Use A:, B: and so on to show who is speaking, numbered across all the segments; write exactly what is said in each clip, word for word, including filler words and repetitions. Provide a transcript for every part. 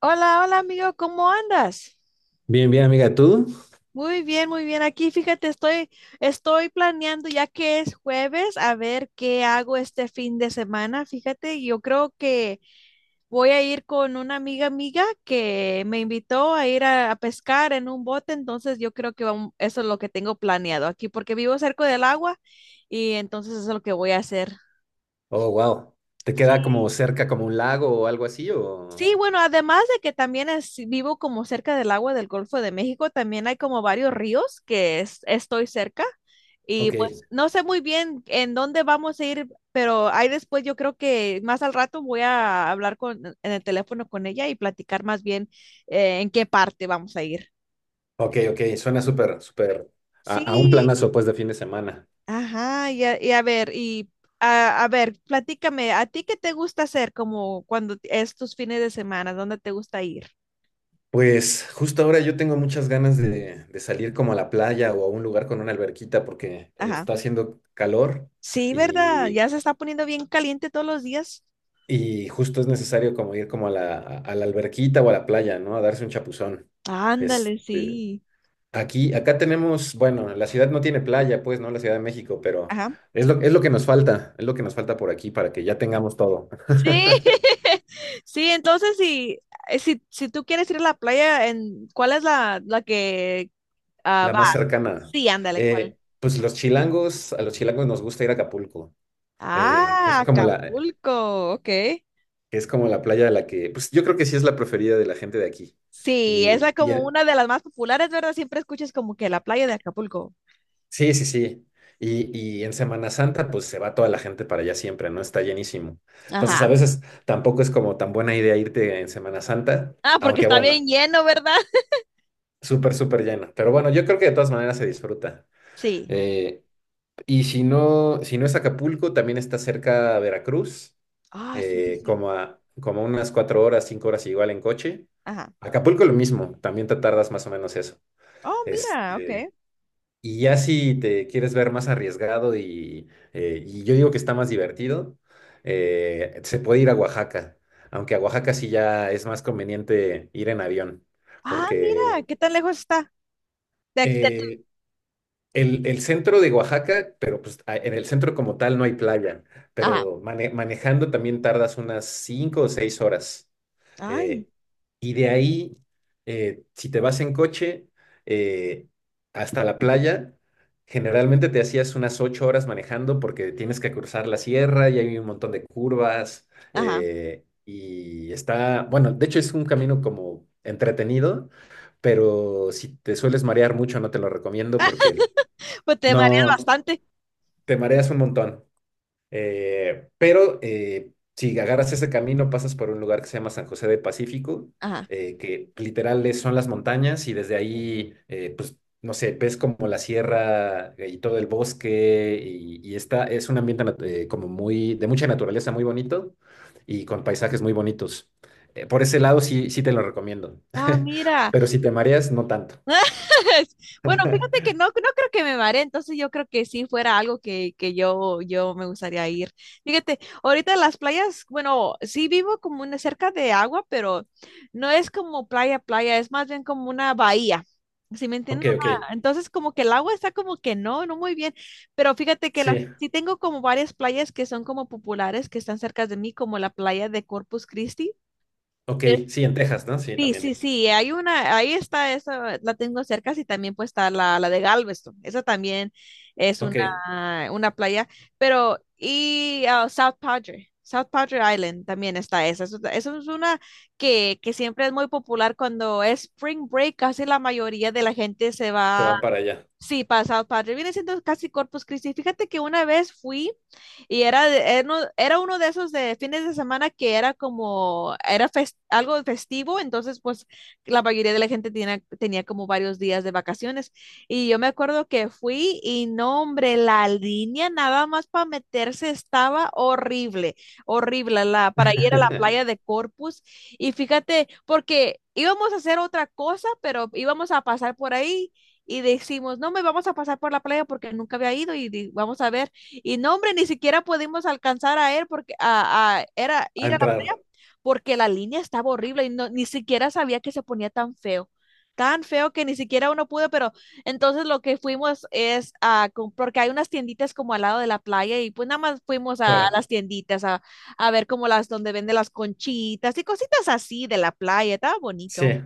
A: Hola, hola amigo, ¿cómo andas?
B: Bien, bien, amiga, ¿tú?
A: Muy bien, muy bien. Aquí, fíjate, estoy, estoy planeando ya que es jueves, a ver qué hago este fin de semana. Fíjate, yo creo que voy a ir con una amiga amiga que me invitó a ir a, a pescar en un bote, entonces yo creo que vam- eso es lo que tengo planeado aquí, porque vivo cerca del agua y entonces eso es lo que voy a hacer.
B: Oh, wow. ¿Te queda como cerca, como un lago o algo así? O...
A: Sí, bueno, además de que también es- vivo como cerca del agua del Golfo de México, también hay como varios ríos que es- estoy cerca y
B: Ok,
A: pues no sé muy bien en dónde vamos a ir, pero ahí después yo creo que más al rato voy a hablar con, en el teléfono con ella y platicar más bien eh, en qué parte vamos a ir.
B: ok, ok. Suena súper, súper a, a un
A: Sí,
B: planazo, pues, de fin de semana.
A: ajá, y a, y a ver, y a, a ver, platícame, ¿a ti qué te gusta hacer como cuando es tus fines de semana? ¿Dónde te gusta ir?
B: Pues justo ahora yo tengo muchas ganas de, de salir como a la playa o a un lugar con una alberquita porque
A: Ajá.
B: está haciendo calor
A: Sí, ¿verdad?
B: y,
A: Ya se está poniendo bien caliente todos los días.
B: y justo es necesario como ir como a la, a la alberquita o a la playa, ¿no? A darse un chapuzón.
A: Ándale,
B: Este,
A: sí.
B: Aquí, acá tenemos, bueno, la ciudad no tiene playa, pues, ¿no? La Ciudad de México, pero
A: Ajá.
B: es lo, es lo que nos falta, es lo que nos falta por aquí para que ya tengamos todo.
A: Sí, Sí, entonces si, eh, si, si tú quieres ir a la playa, en, ¿cuál es la, la que ah,
B: La
A: va?
B: más cercana.
A: Sí, ándale,
B: Eh,
A: ¿cuál?
B: pues los chilangos, a los chilangos nos gusta ir a Acapulco. Eh,
A: Ah,
B: es como la,
A: Acapulco, ok.
B: es como la playa de la que, pues yo creo que sí es la preferida de la gente de aquí.
A: Sí, es sí, la,
B: Y, y,
A: como una de las más populares, ¿verdad? Siempre escuchas como que la playa de Acapulco.
B: Sí, sí, sí. Y, y en Semana Santa, pues se va toda la gente para allá siempre, ¿no? Está llenísimo. Entonces, a
A: Ajá.
B: veces tampoco es como tan buena idea irte en Semana Santa,
A: Ah, porque
B: aunque
A: está
B: bueno,
A: bien lleno, ¿verdad?
B: súper, súper lleno. Pero bueno, yo creo que de todas maneras se disfruta.
A: Sí.
B: Eh, y si no, si no es Acapulco, también está cerca Veracruz,
A: Ah, sí, sí,
B: eh,
A: sí.
B: como a, como a unas cuatro horas, cinco horas igual en coche.
A: Ajá.
B: Acapulco lo mismo, también te tardas más o menos eso.
A: Oh, mira, ok.
B: Este, Y ya si te quieres ver más arriesgado y, eh, y yo digo que está más divertido, eh, se puede ir a Oaxaca, aunque a Oaxaca sí ya es más conveniente ir en avión,
A: Ah, mira,
B: porque
A: ¿qué tan lejos está? de- de tu-
B: eh, el, el centro de Oaxaca, pero pues a- en el centro como tal no hay playa,
A: Ajá,
B: pero mane- manejando también tardas unas cinco o seis horas.
A: ay,
B: Eh, y de ahí, eh, si te vas en coche eh, hasta la playa, generalmente te hacías unas ocho horas manejando porque tienes que cruzar la sierra y hay un montón de curvas.
A: ajá.
B: Eh, y está, bueno, de hecho es un camino como entretenido, pero si te sueles marear mucho, no te lo recomiendo porque
A: Pues te mareas
B: no,
A: bastante.
B: te mareas un montón. Eh, pero eh, si agarras ese camino, pasas por un lugar que se llama San José de Pacífico,
A: Ajá.
B: eh, que literal es- son las montañas y desde ahí, eh, pues, no sé, ves como la sierra eh, y todo el bosque y, y está, es un ambiente nat- eh, como muy, de mucha naturaleza, muy bonito y con paisajes muy bonitos. Eh, por ese lado sí, sí te lo recomiendo,
A: Ah, mira.
B: pero si te mareas, no tanto.
A: Bueno, fíjate que no, no creo que me maree, entonces yo creo que sí fuera algo que, que yo, yo me gustaría ir. Fíjate, ahorita las playas, bueno, sí vivo como una cerca de agua, pero no es como playa, playa, es más bien como una bahía. ¿Sí me
B: Ok,
A: entiendes?
B: ok,
A: Una- Entonces como que el agua está como que no, no muy bien, pero fíjate que la,
B: sí,
A: sí tengo como varias playas que son como populares, que están cerca de mí, como la playa de Corpus Christi.
B: ok, sí, en Texas, ¿no? Sí,
A: Sí, sí,
B: también.
A: sí, hay una, ahí está esa, la tengo cerca, y también pues está la, la de Galveston, esa también es
B: Ok, se
A: una, una playa, pero y ah, South Padre, South Padre Island también está esa, eso, eso es una que, que siempre es muy popular cuando es Spring Break, casi la mayoría de la gente se va.
B: van para allá.
A: Sí, pasado padre. Viene siendo casi Corpus Christi. Fíjate que una vez fui y era, de- era uno era uno de esos de fines de semana que era como, era fes- algo festivo, entonces pues la mayoría de la gente tenía, tenía como varios días de vacaciones. Y yo me acuerdo que fui y no, hombre, la línea nada más para meterse estaba horrible, horrible, la, para ir a la playa de Corpus. Y fíjate, porque íbamos a hacer otra cosa, pero íbamos a pasar por ahí y decimos, no, me vamos a pasar por la playa porque nunca había ido y di- vamos a ver. Y no, hombre, ni siquiera pudimos alcanzar a él porque a, a- era,
B: A
A: ir a la
B: entrar,
A: playa porque la línea estaba horrible y no, ni siquiera sabía que se ponía tan feo. Tan feo que ni siquiera uno pudo, pero entonces lo que fuimos es a, com- porque hay unas tienditas como al lado de la playa y pues nada más fuimos a
B: claro.
A: las tienditas a, a ver como las donde venden las conchitas y cositas así de la playa, estaba bonito.
B: Sí.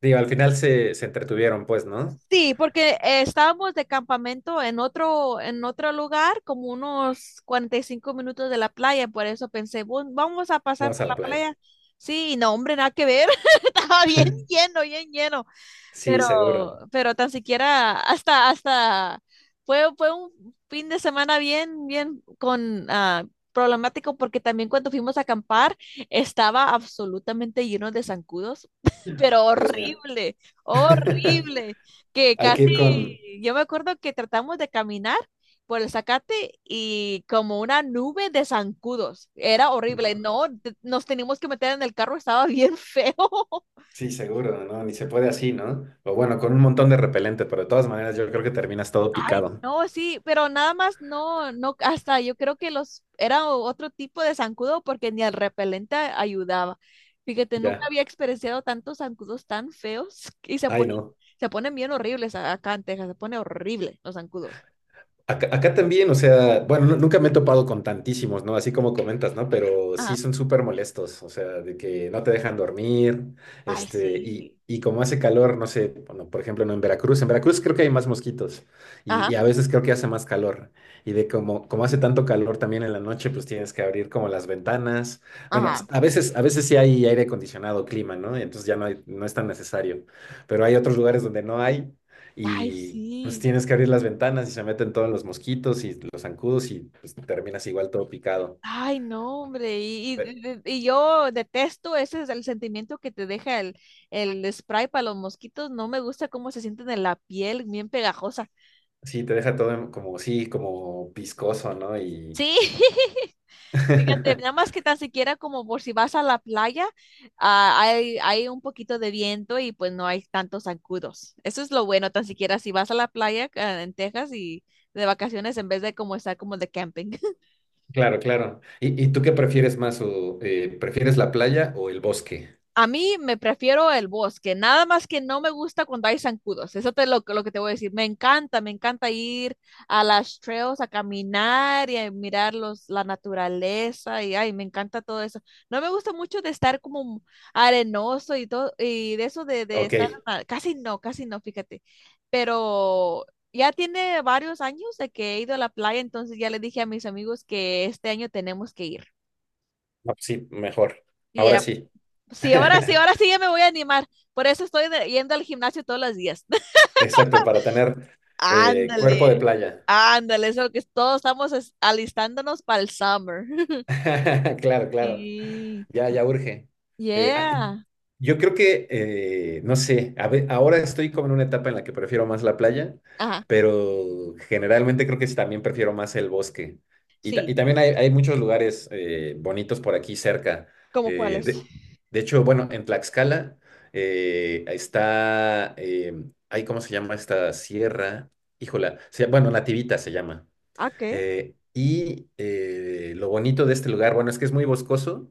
B: Digo, al final se, se entretuvieron, pues, ¿no?
A: Sí, porque eh, estábamos de campamento en otro, en otro lugar, como unos cuarenta y cinco minutos de la playa, por eso pensé, "Bu- vamos a pasar
B: Vamos
A: por
B: a la
A: la
B: playa.
A: playa." Sí, y no, hombre, nada que ver, estaba bien lleno, bien lleno,
B: Sí,
A: pero,
B: seguro.
A: pero tan siquiera hasta, hasta, fue, fue un fin de semana bien, bien con, ah, problemático porque también cuando fuimos a acampar estaba absolutamente lleno de zancudos, pero
B: Dios mío.
A: horrible, horrible, que
B: Hay que
A: casi,
B: ir con...
A: yo me acuerdo que tratamos de caminar por el zacate y como una nube de zancudos, era horrible,
B: no,
A: no, te- nos teníamos que meter en el carro, estaba bien feo.
B: sí, seguro, ¿no? Ni se puede así, ¿no? O bueno, con un montón de repelente, pero de todas maneras yo creo que terminas todo
A: Ay,
B: picado.
A: no, sí, pero nada más no, no, hasta yo creo que los, era o- otro tipo de zancudo porque ni el repelente a- ayudaba. Fíjate, nunca
B: Ya.
A: había experienciado tantos zancudos tan feos y se
B: Ay,
A: ponen,
B: no.
A: se ponen bien horribles a- acá en Texas, se pone horrible los zancudos.
B: Acá, acá también, o sea, bueno, nu- nunca me he topado con tantísimos, ¿no? Así como comentas, ¿no? Pero sí
A: Ajá.
B: son súper molestos, o sea, de que no te dejan dormir,
A: Ay,
B: este, y,
A: sí.
B: y como hace calor, no sé, bueno, por ejemplo, no en Veracruz, en Veracruz creo que hay más mosquitos y,
A: Ajá,
B: y a veces creo que hace más calor. Y de como, como hace tanto calor también en la noche, pues tienes que abrir como las ventanas. Bueno,
A: ajá.
B: a veces, a veces sí hay aire acondicionado, clima, ¿no? Entonces ya no hay- no es tan necesario. Pero hay otros lugares donde no hay.
A: Ay,
B: Y pues
A: sí.
B: tienes que abrir las ventanas y se meten todos los mosquitos y los zancudos y pues terminas igual todo picado.
A: Ay, no, hombre. Y, y,
B: Eh,
A: de- de- y yo detesto, ese es el sentimiento que te deja el, el spray para los mosquitos. No me gusta cómo se sienten en la piel, bien pegajosa.
B: Sí, te deja todo en- como, sí, como viscoso, ¿no? Y
A: Sí, fíjate, nada más que tan siquiera como por si vas a la playa, ah, hay, hay un poquito de viento y pues no hay tantos zancudos. Eso es lo bueno, tan siquiera si vas a la playa ah, en Texas y de vacaciones en vez de como estar como de camping.
B: claro, claro. ¿Y, y tú qué prefieres más? O, eh, ¿prefieres la playa o el bosque?
A: A mí me prefiero el bosque, nada más que no me gusta cuando hay zancudos. Eso es lo, que- lo que te voy a decir. Me encanta, me encanta ir a las trails a caminar y a mirar los, la naturaleza y ay, me encanta todo eso. No me gusta mucho de estar como arenoso y todo y de eso de, de
B: Ok,
A: estar
B: no,
A: a- casi no, casi no, fíjate. Pero ya tiene varios años de que he ido a la playa, entonces ya le dije a mis amigos que este año tenemos que ir.
B: pues sí, mejor. Ahora
A: Ya
B: sí.
A: sí, ahora sí, ahora sí ya me voy a animar. Por eso estoy de- yendo al gimnasio todos los días.
B: Exacto, para tener eh, cuerpo de
A: Ándale,
B: playa.
A: ándale, eso que todos estamos es- alistándonos para el summer.
B: Claro, claro.
A: Sí.
B: Ya, ya urge. Eh, ah,
A: Yeah.
B: yo creo que, eh, no sé, a ve- ahora estoy como en una etapa en la que prefiero más la playa,
A: Ajá,
B: pero generalmente creo que sí también prefiero más el bosque. Y, ta- y
A: sí.
B: también hay, hay muchos lugares eh, bonitos por aquí cerca.
A: ¿Cómo
B: Eh,
A: cuáles?
B: de, de hecho, bueno, en Tlaxcala eh, está, eh, ay, ¿cómo se llama esta sierra? Híjola, se- bueno, Nativita se llama.
A: Ah, ¿qué?
B: Eh, y eh, lo bonito de este lugar, bueno, es que es muy boscoso,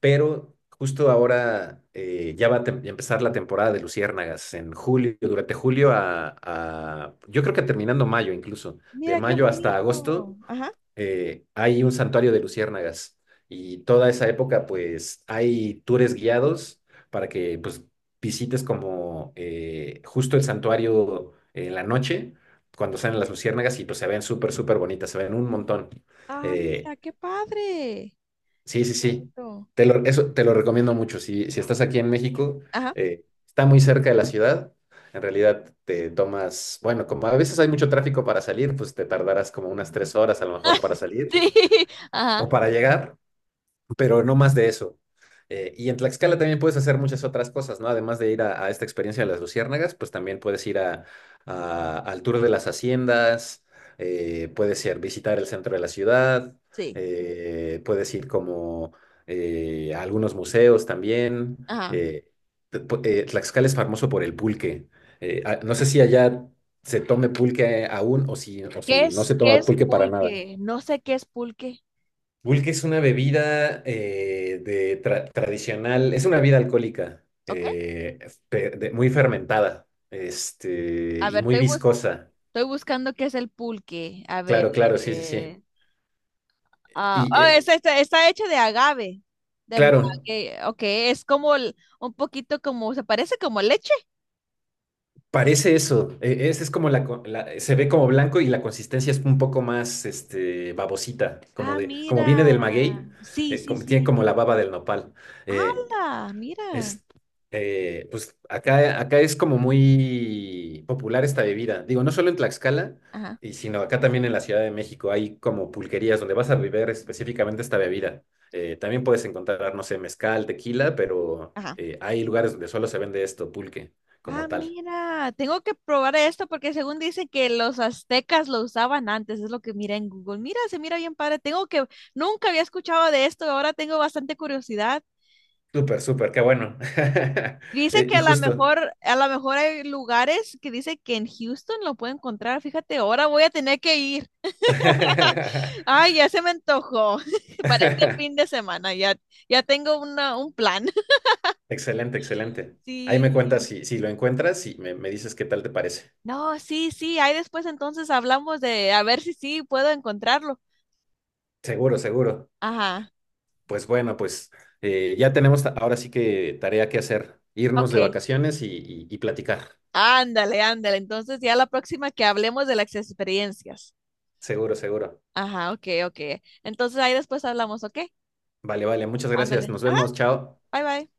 B: pero justo ahora eh, ya va a tem- empezar la temporada de luciérnagas en julio, durante julio a, a- yo creo que terminando mayo incluso, de
A: Mira qué
B: mayo hasta
A: bonito.
B: agosto
A: Ajá.
B: eh, hay un santuario de luciérnagas y toda esa época pues hay tours guiados para que pues visites como eh, justo el santuario en la noche cuando salen las luciérnagas y pues se ven súper súper bonitas, se ven un montón.
A: Ah,
B: Eh,
A: mira, qué padre.
B: sí, sí, sí.
A: Esto.
B: Te lo, eso te lo recomiendo mucho. Si, si estás aquí en México,
A: Ajá.
B: eh, está muy cerca de la ciudad. En realidad te tomas, bueno, como a veces hay mucho tráfico para salir, pues te tardarás como unas tres horas a lo mejor para salir
A: Sí. Ajá,
B: o para llegar, pero no más de eso. Eh, y en Tlaxcala también puedes hacer muchas otras cosas, ¿no? Además de ir a, a esta experiencia de las luciérnagas, pues también puedes ir a, a- al tour de las haciendas, eh, puedes ir visitar el centro de la ciudad,
A: sí.
B: eh, puedes ir como eh, a algunos museos también.
A: Ajá.
B: Eh, te- pu- eh, Tlaxcala es famoso por el pulque. Eh, ah, no sé si allá se tome pulque aún o si, o si
A: ¿Qué
B: no se
A: es, qué
B: toma
A: es
B: pulque para nada.
A: pulque? No sé qué es pulque.
B: Pulque es una bebida eh, de tra- tradicional, es una bebida alcohólica,
A: Ok.
B: eh, fe- de- muy fermentada, este,
A: A
B: y
A: ver,
B: muy
A: estoy
B: viscosa.
A: Estoy buscando qué es el pulque. A ver.
B: Claro, claro, sí, sí, sí.
A: eh, ah,
B: Y
A: oh,
B: eh,
A: es- está, está hecho de agave. De, ma-
B: claro,
A: que- ok, es como el- un poquito como, se parece como leche.
B: Parece eso. eh, es, es como la, co- la- se ve como blanco y la consistencia es un poco más, este, babosita, como
A: Ah,
B: de, como
A: mira.
B: viene del maguey,
A: Sí,
B: eh,
A: sí,
B: como- tiene como la
A: sí.
B: baba del nopal. eh,
A: ¡Hala! Mira.
B: Es, eh, pues acá, acá es como muy popular esta bebida. Digo, no solo en Tlaxcala,
A: Ajá,
B: y sino acá también en la Ciudad de México hay como pulquerías donde vas a beber específicamente esta bebida. Eh, también puedes encontrar, no sé, mezcal, tequila, pero
A: ajá.
B: eh, hay lugares donde solo se vende esto, pulque, como
A: Ah,
B: tal.
A: mira. Tengo que probar esto porque según dicen que los aztecas lo usaban antes. Es lo que mira en Google. Mira, se mira bien padre. Tengo que, nunca había escuchado de esto. Ahora tengo bastante curiosidad.
B: Súper, súper, qué bueno.
A: Dice
B: Eh,
A: que
B: y
A: a lo
B: justo.
A: mejor, a lo mejor hay lugares que dice que en Houston lo puede encontrar. Fíjate, ahora voy a tener que ir. Ay, ya se me antojó para este fin de semana. Ya, ya tengo una, un plan.
B: Excelente, excelente. Ahí me cuentas
A: Sí.
B: si, si lo encuentras y me, me dices qué tal te parece.
A: No, sí, sí. Ahí después entonces hablamos de a ver si sí puedo encontrarlo.
B: Seguro, seguro.
A: Ajá.
B: Pues bueno, pues eh, ya tenemos ta- ahora sí que tarea que hacer, irnos de
A: Ok.
B: vacaciones y, y y platicar.
A: Ándale, ándale. Entonces ya la próxima que hablemos de las experiencias.
B: Seguro, seguro.
A: Ajá, ok, ok. Entonces ahí después hablamos, ¿ok?
B: Vale, vale, muchas gracias.
A: Ándale.
B: Nos
A: Ajá.
B: vemos, chao.
A: Bye, bye.